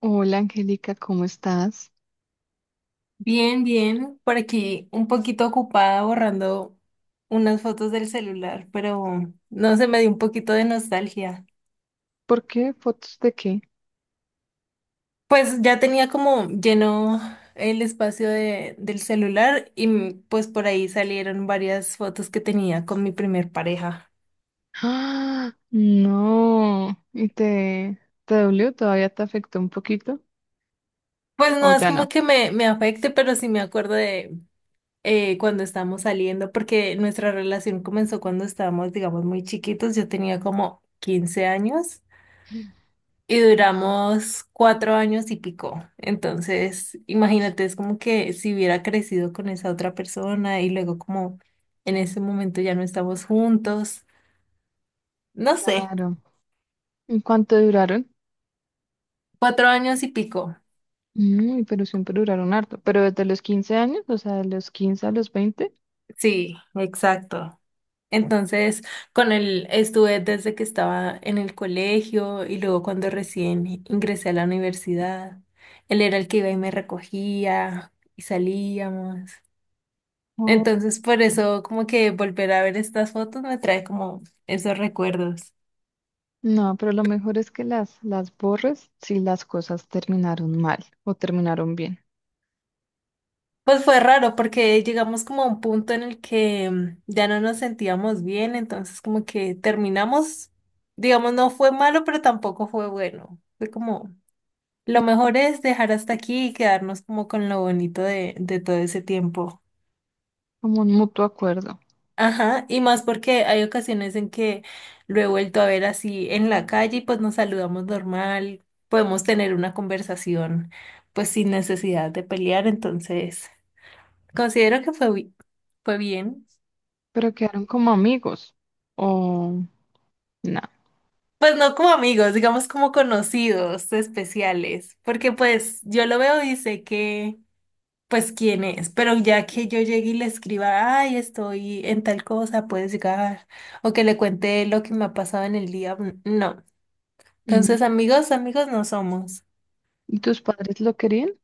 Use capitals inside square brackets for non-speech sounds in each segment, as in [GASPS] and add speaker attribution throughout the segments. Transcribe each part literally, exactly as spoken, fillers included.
Speaker 1: Hola Angélica, ¿cómo estás?
Speaker 2: Bien, bien, por aquí un poquito ocupada borrando unas fotos del celular, pero no se me dio un poquito de nostalgia.
Speaker 1: ¿Por qué? ¿Fotos de qué?
Speaker 2: Pues ya tenía como lleno el espacio de, del celular y mm, pues por ahí salieron varias fotos que tenía con mi primer pareja.
Speaker 1: ¡Ah! No. ¿Y te, te dolió? ¿Todavía te afectó un poquito?
Speaker 2: Pues no
Speaker 1: ¿O
Speaker 2: es
Speaker 1: ya
Speaker 2: como
Speaker 1: no?
Speaker 2: que me, me afecte, pero sí me acuerdo de eh, cuando estábamos saliendo, porque nuestra relación comenzó cuando estábamos, digamos, muy chiquitos. Yo tenía como quince años y duramos cuatro años y pico. Entonces, imagínate, es como que si hubiera crecido con esa otra persona y luego como en ese momento ya no estamos juntos. No sé,
Speaker 1: Claro. ¿En cuánto duraron?
Speaker 2: cuatro años y pico.
Speaker 1: Mm, pero siempre duraron harto. ¿Pero desde los quince años? O sea, de los quince a los veinte.
Speaker 2: Sí, exacto. Entonces, con él estuve desde que estaba en el colegio y luego cuando recién ingresé a la universidad. Él era el que iba y me recogía y salíamos.
Speaker 1: Oh.
Speaker 2: Entonces, por eso, como que volver a ver estas fotos me trae como esos recuerdos.
Speaker 1: No, pero lo mejor es que las, las borres si las cosas terminaron mal o terminaron bien.
Speaker 2: Pues fue raro porque llegamos como a un punto en el que mm, ya no nos sentíamos bien, entonces como que terminamos, digamos, no fue malo, pero tampoco fue bueno. Fue como, lo mejor es dejar hasta aquí y quedarnos como con lo bonito de, de todo ese tiempo.
Speaker 1: Como un mutuo acuerdo.
Speaker 2: Ajá, y más porque hay ocasiones en que lo he vuelto a ver así en la calle y pues nos saludamos normal, podemos tener una conversación pues sin necesidad de pelear, entonces considero que fue, bi- fue bien.
Speaker 1: Pero quedaron como amigos. O
Speaker 2: Pues no como amigos, digamos como conocidos especiales, porque pues yo lo veo y sé que pues quién es, pero ya que yo llegue y le escriba, ay, estoy en tal cosa, puedes llegar, o que le cuente lo que me ha pasado en el día, no.
Speaker 1: no.
Speaker 2: Entonces, amigos, amigos no somos.
Speaker 1: ¿Y tus padres lo querían?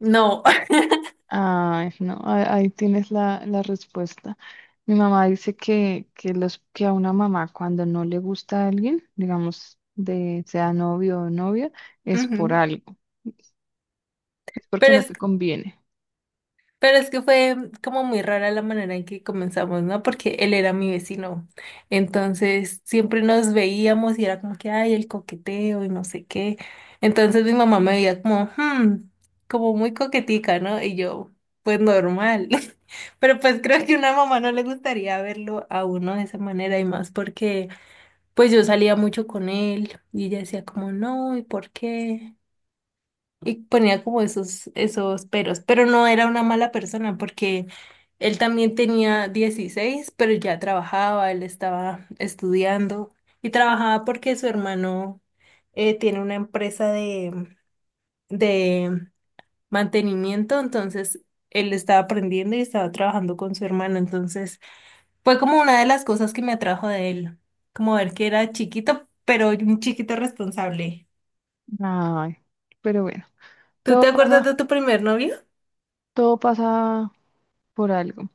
Speaker 2: No. [LAUGHS]
Speaker 1: Ay, no, a- ahí tienes la, la respuesta. Mi mamá dice que, que, los, que a una mamá cuando no le gusta a alguien, digamos, de, sea novio o novia, es por
Speaker 2: Ujú.
Speaker 1: algo, es porque
Speaker 2: Pero
Speaker 1: no
Speaker 2: es,
Speaker 1: te conviene.
Speaker 2: pero es que fue como muy rara la manera en que comenzamos, ¿no? Porque él era mi vecino. Entonces, siempre nos veíamos y era como que, ay, el coqueteo y no sé qué. Entonces, mi mamá me veía como, hmm, como muy coquetica, ¿no? Y yo, pues normal. [LAUGHS] Pero pues creo que a una mamá no le gustaría verlo a uno de esa manera y más porque, pues yo salía mucho con él y ella decía como, no, ¿y por qué? Y ponía como esos, esos peros, pero no era una mala persona porque él también tenía dieciséis pero ya trabajaba, él estaba estudiando y trabajaba porque su hermano eh, tiene una empresa de, de mantenimiento, entonces él estaba aprendiendo y estaba trabajando con su hermano, entonces fue como una de las cosas que me atrajo de él, como ver que era chiquito, pero un chiquito responsable.
Speaker 1: Ay, pero bueno,
Speaker 2: ¿Tú te
Speaker 1: todo
Speaker 2: acuerdas
Speaker 1: pasa,
Speaker 2: de tu primer novio?
Speaker 1: todo pasa por algo.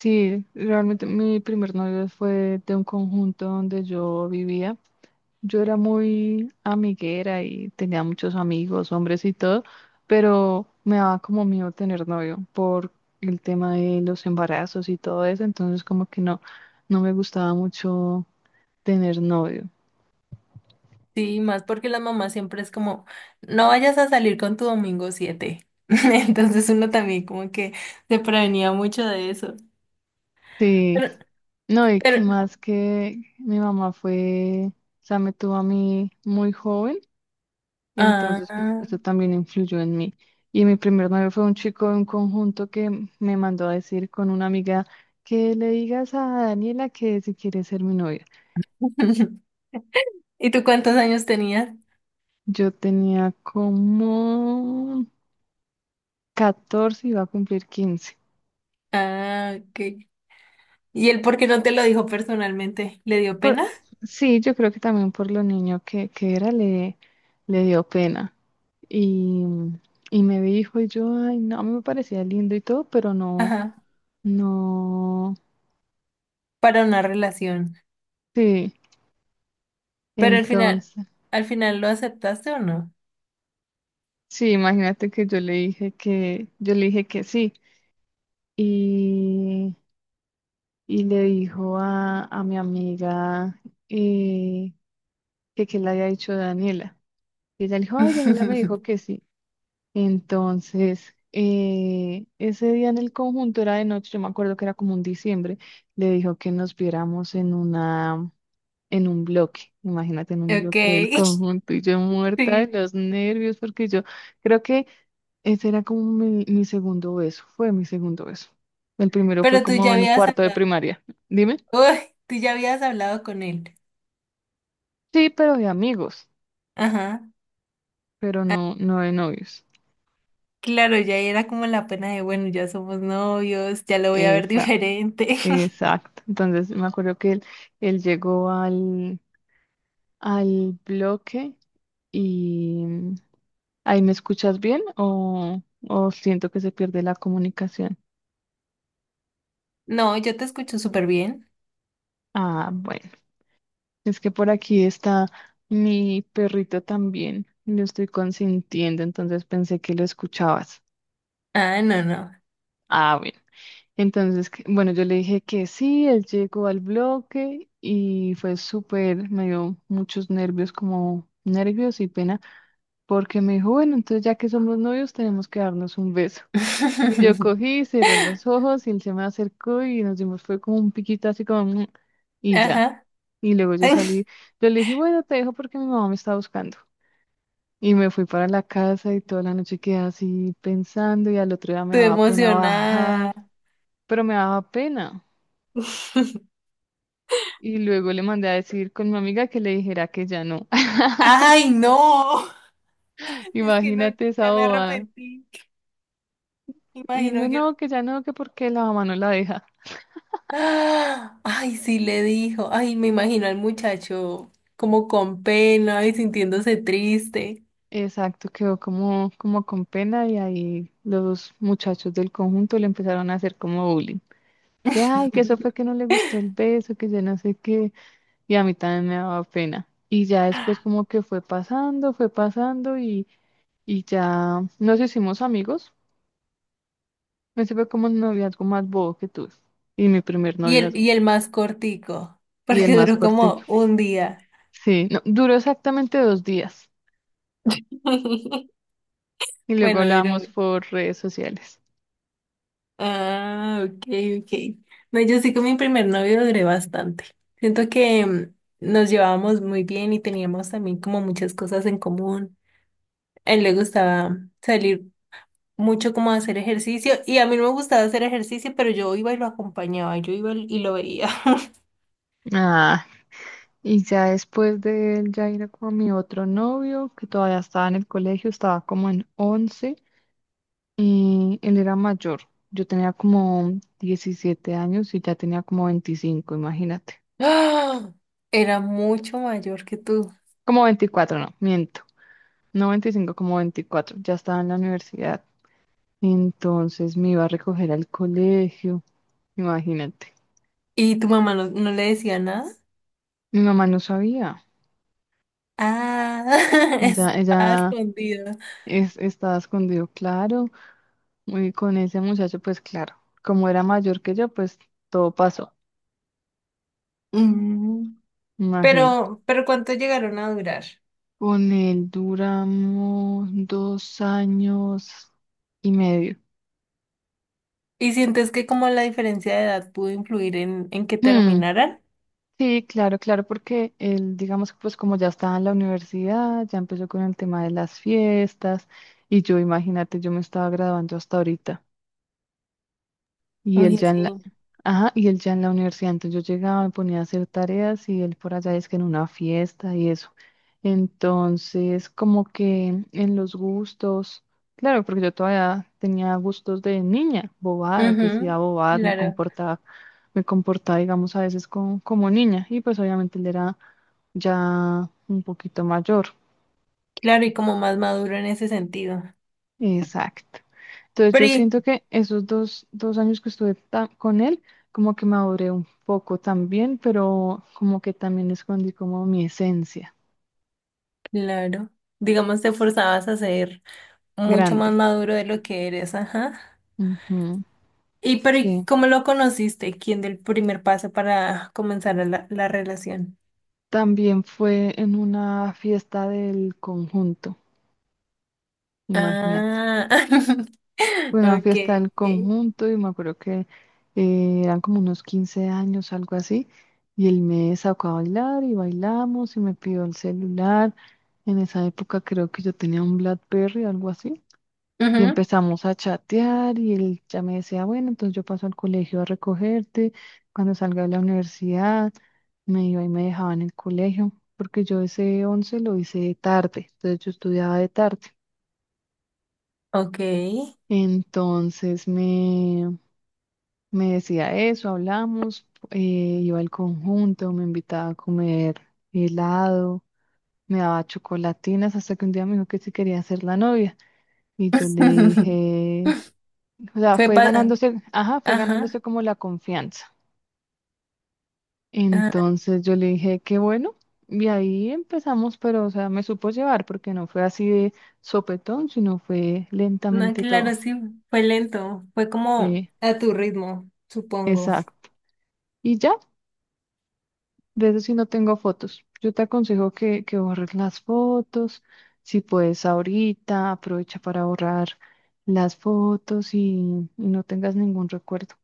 Speaker 1: Sí, realmente mi primer novio fue de un conjunto donde yo vivía. Yo era muy amiguera y tenía muchos amigos, hombres y todo, pero me daba como miedo tener novio por el tema de los embarazos y todo eso, entonces como que no, no me gustaba mucho tener novio.
Speaker 2: Sí, más porque las mamás siempre es como, no vayas a salir con tu domingo siete. [LAUGHS] Entonces uno también como que se prevenía mucho de eso.
Speaker 1: Sí,
Speaker 2: Pero,
Speaker 1: no, y
Speaker 2: pero,
Speaker 1: que más que mi mamá fue, o sea, me tuvo a mí muy joven. Entonces, pues,
Speaker 2: ah.
Speaker 1: eso también influyó en mí. Y mi primer novio fue un chico de un conjunto que m- me mandó a decir con una amiga que le digas a Daniela que si quiere ser mi novia.
Speaker 2: [LAUGHS] ¿Y tú cuántos años tenías?
Speaker 1: Yo tenía como catorce y iba a cumplir quince.
Speaker 2: Ah, ok. ¿Y él por qué no te lo dijo personalmente? ¿Le dio
Speaker 1: Por,
Speaker 2: pena?
Speaker 1: sí, yo creo que también por lo niño que, que era le, le dio pena. Y, y me dijo, y yo, ay, no, a mí me parecía lindo y todo, pero no,
Speaker 2: Ajá,
Speaker 1: no,
Speaker 2: para una relación.
Speaker 1: sí.
Speaker 2: Pero al final,
Speaker 1: Entonces...
Speaker 2: ¿al final lo aceptaste o no?
Speaker 1: Sí, imagínate que yo le dije que, yo le dije que sí. Y, y le dijo a, a mi amiga eh, que, que le había dicho Daniela. Y ella le dijo, ay, Daniela me
Speaker 2: [LAUGHS]
Speaker 1: dijo que sí. Entonces, eh, ese día en el conjunto era de noche, yo me acuerdo que era como un diciembre, le dijo que nos viéramos en una, en un bloque. Imagínate, en un
Speaker 2: Ok,
Speaker 1: bloque del
Speaker 2: [LAUGHS]
Speaker 1: conjunto y yo muerta de
Speaker 2: sí.
Speaker 1: los nervios porque yo creo que ese era como mi, mi segundo beso, fue mi segundo beso. El primero fue
Speaker 2: Pero tú
Speaker 1: como
Speaker 2: ya
Speaker 1: en
Speaker 2: habías
Speaker 1: cuarto de
Speaker 2: hablado,
Speaker 1: primaria. Dime.
Speaker 2: uy, tú ya habías hablado con él.
Speaker 1: Sí, pero de amigos,
Speaker 2: Ajá.
Speaker 1: pero
Speaker 2: Ah,
Speaker 1: no, no de novios.
Speaker 2: claro, ya era como la pena de, bueno, ya somos novios, ya lo voy a ver
Speaker 1: Esa,
Speaker 2: diferente. [LAUGHS]
Speaker 1: exacto. Entonces me acuerdo que él, él llegó al, al bloque y mm, ahí me escuchas bien o, o siento que se pierde la comunicación.
Speaker 2: No, yo te escucho súper bien.
Speaker 1: Ah, bueno, es que por aquí está mi perrito también. Lo estoy consintiendo, entonces pensé que lo escuchabas.
Speaker 2: Ah, no, no.
Speaker 1: Ah, bien. Entonces, que- bueno, yo le dije que sí, él llegó al bloque y fue súper, me dio muchos nervios, como nervios y pena, porque me dijo, bueno, entonces ya que somos novios tenemos que darnos un beso. Y yo
Speaker 2: [LAUGHS]
Speaker 1: cogí, cerré los ojos y él se me acercó y nos dimos, fue como un piquito así como, "Mm", y ya.
Speaker 2: Ajá.
Speaker 1: Y luego yo
Speaker 2: Ay,
Speaker 1: salí, yo le dije, bueno, te dejo porque mi mamá me está buscando. Y me fui para la casa y toda la noche quedé así pensando y al otro día me
Speaker 2: estoy
Speaker 1: daba pena bajar,
Speaker 2: emocionada.
Speaker 1: pero me daba pena.
Speaker 2: [LAUGHS]
Speaker 1: Y luego le mandé a decir con mi amiga que le dijera que ya no.
Speaker 2: Ay, no.
Speaker 1: [LAUGHS]
Speaker 2: Es que no,
Speaker 1: Imagínate esa
Speaker 2: ya me
Speaker 1: bobada.
Speaker 2: arrepentí.
Speaker 1: Y él dijo,
Speaker 2: Imagino que...
Speaker 1: no, que
Speaker 2: [GASPS]
Speaker 1: ya no, que porque la mamá no la deja.
Speaker 2: ¡Ah! Ay, sí le dijo. Ay, me imagino al muchacho como con pena y sintiéndose triste.
Speaker 1: Exacto, quedó como, como con pena y ahí los muchachos del conjunto le empezaron a hacer como bullying. Que ay, que eso fue
Speaker 2: [LAUGHS]
Speaker 1: que no le gustó el beso, que ya no sé qué. Y a mí también me daba pena. Y ya después como que fue pasando, fue pasando y, y ya nos hicimos amigos. Ese fue como el noviazgo más bobo que tuve. Y mi primer
Speaker 2: Y el,
Speaker 1: noviazgo.
Speaker 2: y el más cortico,
Speaker 1: Y el
Speaker 2: porque
Speaker 1: más
Speaker 2: duró
Speaker 1: corto.
Speaker 2: como un día.
Speaker 1: Sí, no, duró exactamente dos días
Speaker 2: [LAUGHS]
Speaker 1: y luego
Speaker 2: Bueno, duró.
Speaker 1: hablamos
Speaker 2: un-
Speaker 1: por redes sociales.
Speaker 2: Ah, ok, ok. No, yo sí con mi primer novio duré bastante. Siento que mm, nos llevábamos muy bien y teníamos también como muchas cosas en común. A él le gustaba salir mucho como a hacer ejercicio y a mí no me gustaba hacer ejercicio, pero yo iba y lo acompañaba, yo iba y lo veía.
Speaker 1: Ah, y ya después de él ya era como mi otro novio, que todavía estaba en el colegio, estaba como en once y él era mayor. Yo tenía como diecisiete años y ya tenía como veinticinco, imagínate.
Speaker 2: [LAUGHS] ¡Ah! Era mucho mayor que tú.
Speaker 1: Como veinticuatro, no, miento. No veinticinco, como veinticuatro. Ya estaba en la universidad. Entonces me iba a recoger al colegio, imagínate.
Speaker 2: ¿Y tu mamá no, no le decía nada?
Speaker 1: Mi mamá no sabía.
Speaker 2: Ah, [LAUGHS]
Speaker 1: Ella,
Speaker 2: estaba
Speaker 1: ella
Speaker 2: escondido.
Speaker 1: es, estaba escondido, claro. Y con ese muchacho, pues claro, como era mayor que yo, pues todo pasó,
Speaker 2: Mm.
Speaker 1: imagino.
Speaker 2: Pero, pero ¿cuánto llegaron a durar?
Speaker 1: Con él duramos dos años y medio.
Speaker 2: ¿Y sientes que como la diferencia de edad pudo influir en, en que
Speaker 1: Hmm,
Speaker 2: terminaran?
Speaker 1: sí, claro, claro, porque él, digamos que pues como ya estaba en la universidad, ya empezó con el tema de las fiestas y yo, imagínate, yo me estaba graduando hasta ahorita. Y él
Speaker 2: Uy,
Speaker 1: ya en la,
Speaker 2: sí.
Speaker 1: ajá, y él ya en la universidad. Entonces yo llegaba, me ponía a hacer tareas y él por allá es que en una fiesta y eso. Entonces, como que en los gustos, claro, porque yo todavía tenía gustos de niña, bobadas, decía
Speaker 2: Ujú.
Speaker 1: bobadas, me
Speaker 2: Claro,
Speaker 1: comportaba, me comportaba, digamos, a veces con- como niña. Y pues obviamente él era ya un poquito mayor.
Speaker 2: claro, y como más maduro en ese sentido.
Speaker 1: Exacto. Entonces
Speaker 2: Pero,
Speaker 1: yo
Speaker 2: y-
Speaker 1: siento que esos dos, dos años que estuve ta- con él, como que maduré un poco también, pero como que también escondí como mi esencia
Speaker 2: claro, digamos te forzabas a ser mucho más
Speaker 1: grande.
Speaker 2: maduro de lo que eres, ajá.
Speaker 1: Ujú,
Speaker 2: Y pero ¿y
Speaker 1: sí.
Speaker 2: ¿cómo lo conociste? ¿Quién del primer paso para comenzar la, la relación?
Speaker 1: También fue en una fiesta del conjunto, imagínate.
Speaker 2: Ah, [LAUGHS]
Speaker 1: Fue una fiesta
Speaker 2: okay,
Speaker 1: del
Speaker 2: okay.
Speaker 1: conjunto y me acuerdo que eh, eran como unos quince años, algo así, y él me sacó a bailar y bailamos y me pidió el celular. En esa época creo que yo tenía un BlackBerry, algo así. Y
Speaker 2: Ujú.
Speaker 1: empezamos a chatear y él ya me decía, bueno, entonces yo paso al colegio a recogerte, cuando salga de la universidad, me iba y me dejaba en el colegio, porque yo ese once lo hice de tarde, entonces yo estudiaba de tarde.
Speaker 2: Okay.
Speaker 1: Entonces me, me decía eso, hablamos, eh, iba al conjunto, me invitaba a comer helado, me daba chocolatinas, hasta que un día me dijo que si quería ser la novia. Y yo le
Speaker 2: [LAUGHS]
Speaker 1: dije, o sea,
Speaker 2: Fue
Speaker 1: fue
Speaker 2: pa-
Speaker 1: ganándose, ajá, fue ganándose
Speaker 2: ajá,
Speaker 1: como la confianza.
Speaker 2: ajá.
Speaker 1: Entonces yo le dije, que bueno. Y ahí empezamos, pero, o sea, me supo llevar porque no fue así de sopetón, sino fue
Speaker 2: No,
Speaker 1: lentamente todo.
Speaker 2: claro, sí, fue lento, fue como
Speaker 1: Sí,
Speaker 2: a tu ritmo, supongo.
Speaker 1: exacto. Y ya, de eso sí no tengo fotos. Yo te aconsejo que, que borres las fotos. Si puedes ahorita, aprovecha para borrar las fotos y, y no tengas ningún recuerdo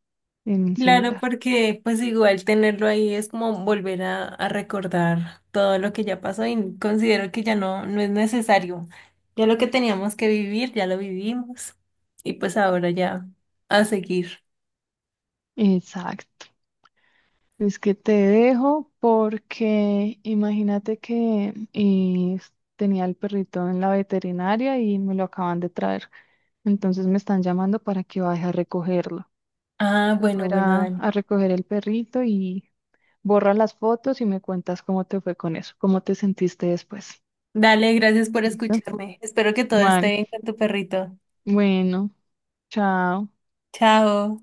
Speaker 1: en el
Speaker 2: Claro,
Speaker 1: celular.
Speaker 2: porque pues igual tenerlo ahí es como volver a, a recordar todo lo que ya pasó y considero que ya no, no es necesario. Ya lo que teníamos que vivir, ya lo vivimos. Y pues ahora ya a seguir.
Speaker 1: Exacto. Es que te dejo porque imagínate que eh, tenía el perrito en la veterinaria y me lo acaban de traer. Entonces me están llamando para que vaya a recogerlo.
Speaker 2: Ah,
Speaker 1: Voy a
Speaker 2: bueno,
Speaker 1: ir
Speaker 2: bueno,
Speaker 1: a
Speaker 2: Dani.
Speaker 1: a recoger el perrito y borra las fotos y me cuentas cómo te fue con eso, cómo te sentiste después.
Speaker 2: Dale, gracias por
Speaker 1: ¿Listo?
Speaker 2: escucharme. Espero que todo esté
Speaker 1: Vale,
Speaker 2: bien con tu perrito.
Speaker 1: bueno, chao.
Speaker 2: Chao.